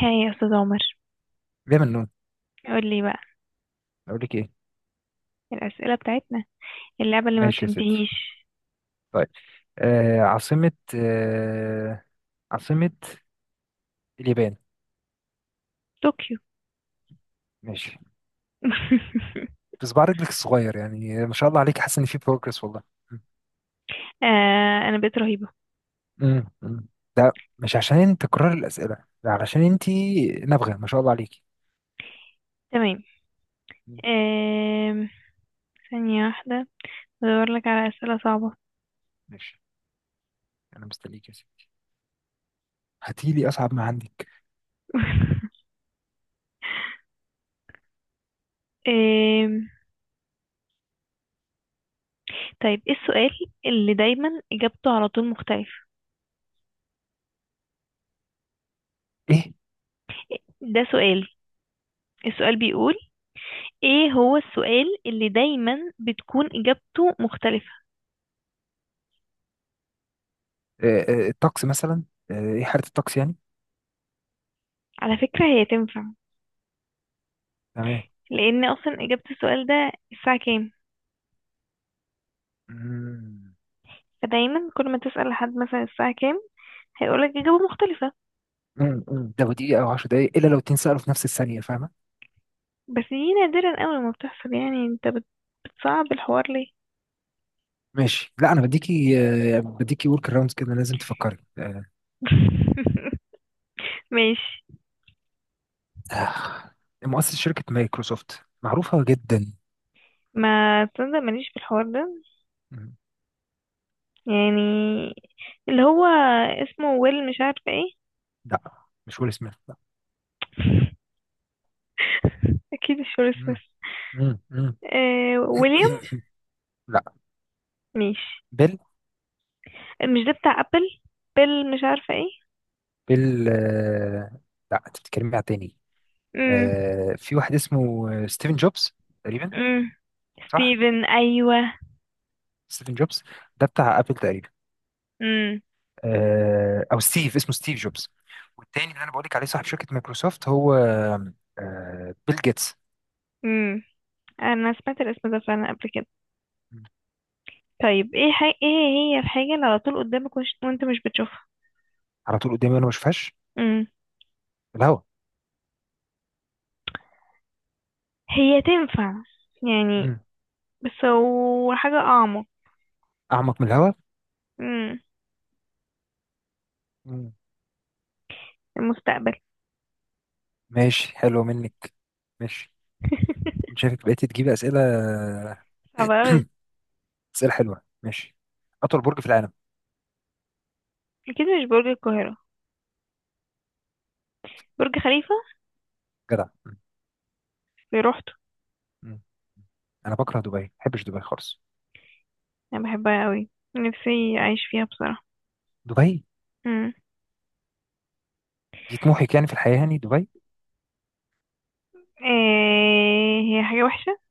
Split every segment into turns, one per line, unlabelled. هاي يا استاذ عمر.
ليه منون؟
قول لي بقى
اقول لك ايه؟
الأسئلة بتاعتنا اللعبة اللي ما
ماشي يا ستي.
بتنتهيش.
طيب. عاصمة، عاصمة اليابان.
طوكيو.
ماشي. بصبع رجلك الصغير يعني ما شاء الله عليك، حاسس ان في بروجرس والله.
آه انا بقيت رهيبة.
أمم. ده مش عشان انت تكرر الأسئلة، ده علشان انت نابغة ما شاء الله عليك.
تمام.
أمم.
آم، ثانية واحدة، بدور لك على أسئلة صعبة.
ماشي، انا مستنيك يا ستي، هاتي لي اصعب ما عندك.
آم، طيب، ايه السؤال اللي دايما إجابته على طول مختلفة؟
ايه؟
ده سؤال. السؤال بيقول ايه هو السؤال اللي دايما بتكون إجابته مختلفة؟
آه الطقس مثلا، ايه حالة الطقس يعني.
على فكرة هي تنفع،
تمام.
لأن أصلا إجابة السؤال ده الساعة كام.
أمم.
فدايما كل ما تسأل حد مثلا الساعة كام، هيقولك إجابة مختلفة.
أمم. أمم. ده دقيقة او 10 دقايق، الا لو اتنين سألوا في نفس الثانية، فاهمة؟
بس دي نادرا أوي ما بتحصل. يعني انت بتصعب الحوار ليه؟
ماشي، لا انا بديكي بديكي ورك اراوندز كده، لازم تفكري.
ماشي.
آه، مؤسس شركه مايكروسوفت معروفه جدا.
ما تصدق ماليش في الحوار ده.
مم.
يعني اللي هو اسمه ويل مش عارفة ايه.
لا مش ويل سميث، لا.
اكيد مش ويل سميث.
مم. مم. مم.
آه ويليام.
لا.
ماشي.
بيل.
مش ده بتاع ابل؟ بيل مش عارفة ايه.
بيل لا، انت بتتكلمي على تاني.
امم.
في واحد اسمه ستيفن جوبز تقريبا.
امم.
صح،
ستيفن، ايوه.
ستيفن جوبز، ده بتاع ابل تقريبا.
امم.
او ستيف، اسمه ستيف جوبز. والتاني اللي انا بقولك عليه صاحب شركه مايكروسوفت هو بيل جيتس.
امم. انا سمعت الاسم ده فعلا قبل كده. طيب ايه حاجة، ايه هي الحاجة اللي على طول قدامك وانت مش بتشوفها؟
على طول قدامي وانا ما بشوفهاش.
امم.
الهواء.
هي تنفع يعني،
مم.
بس هو حاجة اعمق.
أعمق من الهواء.
امم.
مم.
المستقبل.
ماشي، حلو منك. ماشي. أنت شايفك بقيت تجيب أسئلة،
صعب اوي.
أسئلة حلوة، ماشي. أطول برج في العالم.
اكيد مش برج القاهرة. برج خليفة.
جدع.
في روحته.
مم. أنا بكره دبي، ما بحبش دبي خالص.
انا بحبها اوي، نفسي اعيش فيها بصراحة.
دبي
امم.
دي طموحك يعني في الحياة يعني؟ دبي؟
إيه هي حاجة وحشة؟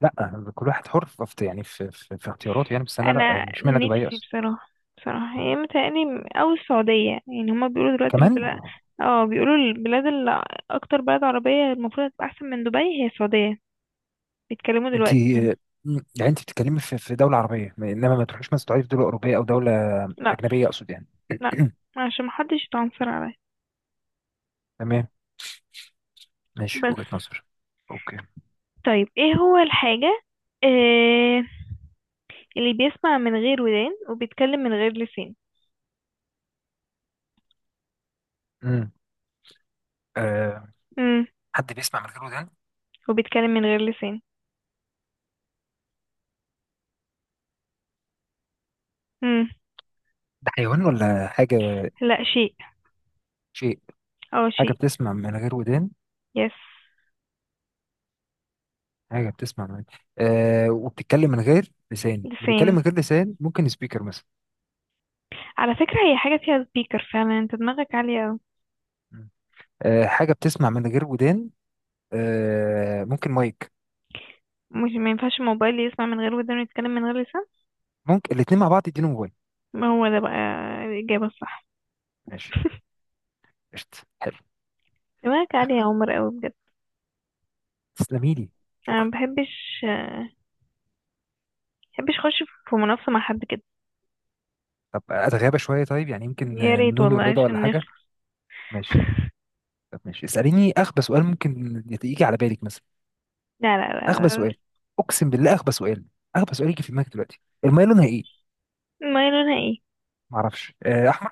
لا، كل واحد حر يعني في اختياراته يعني، بس أنا لا،
انا
يعني مش معنى دبي
نفسي
أصلا.
بصراحه، بصراحه هي متهيألي او السعوديه. يعني هما بيقولوا دلوقتي
كمان
البلاد، اه بيقولوا البلاد اللي، اكتر بلد عربيه المفروض هتبقى احسن من دبي هي السعوديه. بيتكلموا
انت يعني،
دلوقتي.
انت بتتكلمي في دوله عربيه، انما ما تروحيش مثلا تقعدي في دوله اوروبيه او دوله
لا،
اجنبيه اقصد يعني.
لا، عشان محدش يتعنصر عليا
تمام. ماشي،
بس.
وجهة نظر. اوكي.
طيب ايه هو الحاجه، آه، اللي بيسمع من غير ودان وبيتكلم من غير لسان؟
امم آه.
امم.
حد بيسمع من غير ودان؟
وبيتكلم من غير لسان. امم.
ده حيوان ولا حاجة؟
لا، شيء.
شيء.
اه
حاجة
شيء.
بتسمع من غير ودان.
يس.
حاجة بتسمع من، وبتتكلم من غير لسان. اللي بيتكلم
لسان.
من غير لسان ممكن سبيكر مثلا.
على فكرة هي حاجة فيها سبيكر فعلا. انت دماغك عالية اوي.
مم. آه، حاجة بتسمع من غير ودان، آه ممكن مايك.
مش ما ينفعش الموبايل يسمع من غير ودان ويتكلم من غير لسان؟
ممكن الاتنين مع بعض، يدينهم موبايل.
ما هو ده بقى الإجابة الصح.
ماشي. قشطة، حلو.
دماغك عالية يا عمر قوي بجد.
تسلمي لي،
انا
شكرا.
ما بحبش بحبش اخش في منافسة مع حد كده.
طب أتغابى شوية طيب، يعني يمكن
يا ريت
نقول
والله
الرضا ولا
عشان
حاجة.
نخلص.
ماشي. طب ماشي، اسأليني أخبث سؤال ممكن يجي على بالك مثلا،
لا لا لا
اغبى
لا.
سؤال. اقسم بالله اغبى سؤال، اغبى سؤال يجي في دماغك دلوقتي، الميه لونها ايه؟
لا. ما لونها ايه.
ما اعرفش، احمر.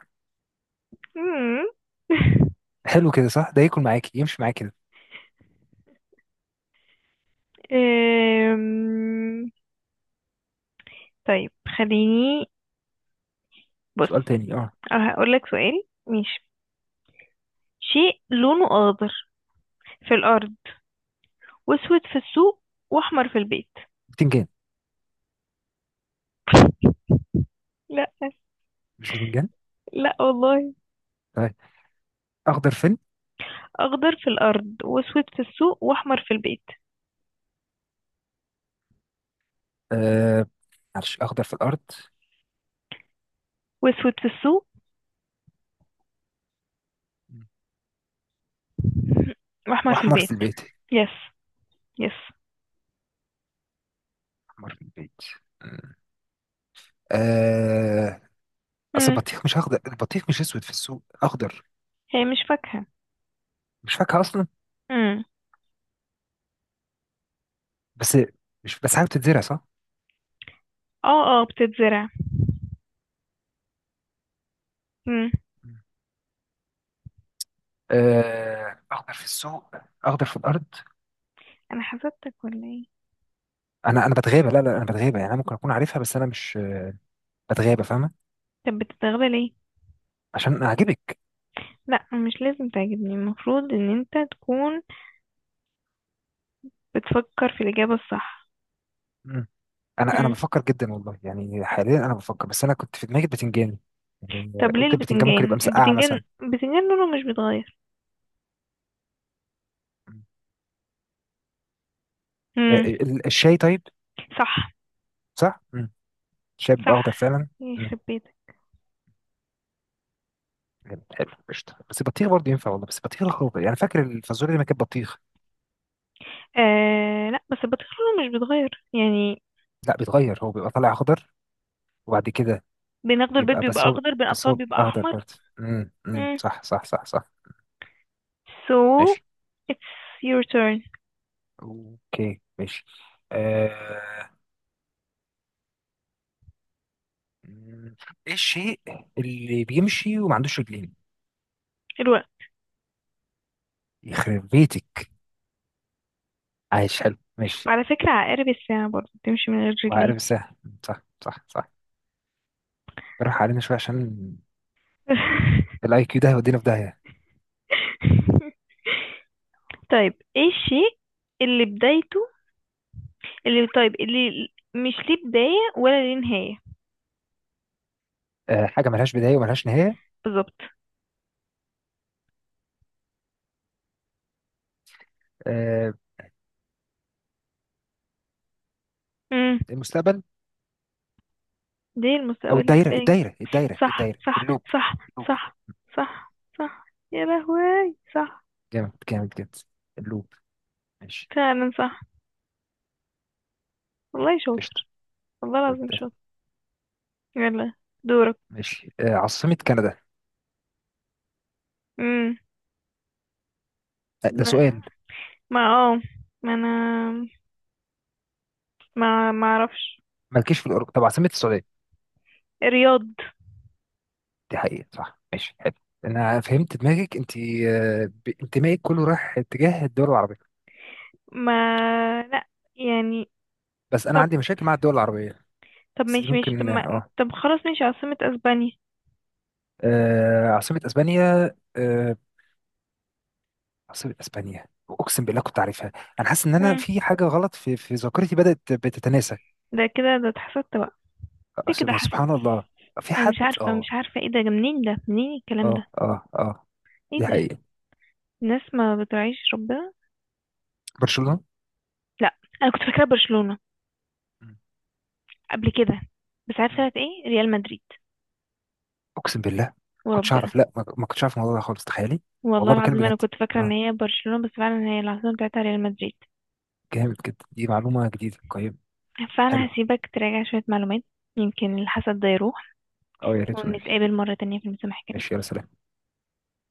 مم.
حلو كده، صح؟ ده ياكل معاكي، يمشي معاك كده.
أم، طيب، خليني، بص،
سؤال تاني، اه.
هقول لك سؤال ماشي. شيء لونه اخضر في الارض، واسود في السوق، واحمر في البيت.
بتنجان؟
لا.
مش بتنجان؟
لا والله.
طيب. اخضر فين؟
أخضر في الأرض، وأسود في السوق، وأحمر في البيت.
آه. معلش، اخضر في الارض
وأسود في السوق وأحمر في
واحمر في
البيت.
البيت.
يس. يس.
احمر في البيت. آه. آه، اصل
مم.
البطيخ مش اخضر؟ البطيخ مش اسود في السوق، اخضر.
هي مش فاكهة.
مش فاكهه اصلا؟
مم.
بس، مش بس حاجه بتتزرع؟ صح.
اه اه بتتزرع. مم.
اخضر في السوق، اخضر في الارض.
أنا حسبتك ولا ايه؟
انا بتغابى، لا انا بتغابى يعني، انا ممكن اكون عارفها بس انا مش اتغابى، فاهمه؟
طب بتتغلى ليه؟
عشان اعجبك.
لا، مش لازم تعجبني، المفروض ان انت تكون بتفكر في الإجابة الصح.
مم. انا
مم.
بفكر جدا والله يعني، حاليا انا بفكر، بس انا كنت في دماغي البتنجان، يعني
طب ليه
قلت البتنجان ممكن يبقى
البتنجان؟
مسقعه
البتنجان
مثلا.
البتنجان لونه مش بيتغير.
مم.
مم.
الشاي طيب؟
صح
صح. الشاي بيبقى اخضر
صح.
فعلا. مم.
يخرب بيتك.
حلو حلو، قشطه، بس البطيخ برضه ينفع والله، بس البطيخ اخضر، يعني فاكر الفازوليا اللي ما كانت بطيخ.
آه لا، بس البطيخ لونه مش بيتغير يعني.
لا بيتغير، هو بيبقى طالع اخضر وبعد كده
بناخده البيض
بيبقى،
بيبقى اخضر،
بس
بنقطعه
هو
بيبقى
اخضر
احمر.
برضه. امم
مم.
صح صح صح صح.
So
ماشي.
it's your turn.
اوكي ماشي. آه. مم. ايه الشيء اللي بيمشي وما عندوش رجلين؟
الوقت.
يخرب بيتك، عايش حلو، ماشي.
وعلى فكرة عقارب الساعة برضه بتمشي من غير
وعارف
رجلين.
السهل. صح صح صح. براح علينا شويه، عشان الاي كيو ده هيودينا في داهيه.
طيب ايه الشيء اللي بدايته اللي طيب اللي مش ليه بداية ولا ليه نهاية؟
أه، حاجه ملهاش بدايه وملهاش نهايه؟
بالظبط.
أه.
مم.
المستقبل.
ليه
او
المستقبل ليه
الدايره
بداية.
الدايره الدايره
صح
الدايره
صح.
اللوب.
صح.
اللوب.
صح. صح. صح. يا لهوي صح.
جامد جامد جامد. اللوب. ماشي.
فعلا صح. والله شاطر.
قشطه.
والله العظيم
بيتقال.
شاطر. يلا دورك.
ماشي. أه، عاصمه كندا.
امم.
أه ده سؤال.
ما اه ما انا ما ما اعرفش.
مالكيش في الاوروبا؟ طب عاصمه السعوديه.
رياض.
دي حقيقة، صح، ماشي، حلو. انا فهمت دماغك انت، انتمائك كله رايح اتجاه الدول العربية،
ما لا، يعني.
بس انا
طب
عندي مشاكل مع الدول العربية.
طب
بس دي
ماشي ماشي طب
ممكن،
ما...
اه.
طب خلاص ماشي، عاصمة اسبانيا.
عاصمة اسبانيا. عاصمة اسبانيا، اقسم بالله كنت عارفها. انا حاسس ان انا
مم.
في حاجة غلط في ذاكرتي، بدأت بتتناسى.
ده كده، ده اتحسدت بقى، ده كده حسد.
سبحان الله. في
انا مش
حد،
عارفة،
اه
ايه ده، منين الكلام ده؟
اه اه اه،
ايه
دي
ده.
حقيقة.
الناس ما بتراعيش ربنا.
برشلونة.
لا، انا كنت فاكرة برشلونة
مم.
قبل كده، بس عارفة
مم.
طلعت ايه؟ ريال مدريد.
اقسم بالله كنتش
وربنا،
اعرف، لا ما كنتش اعرف الموضوع ده خالص، تخيلي.
والله
والله بكلم
العظيم انا
بجد.
كنت فاكرة ان
آه.
هي برشلونة، بس فعلا هي العاصمة بتاعتها ريال مدريد.
جامد جدا، دي معلومة جديدة قيم.
فأنا
حلو.
هسيبك تراجع شوية معلومات، يمكن الحسد ده يروح،
أو يا ريت والنبي.
ونتقابل مرة تانية في المسامحة.
ماشي يا سلام.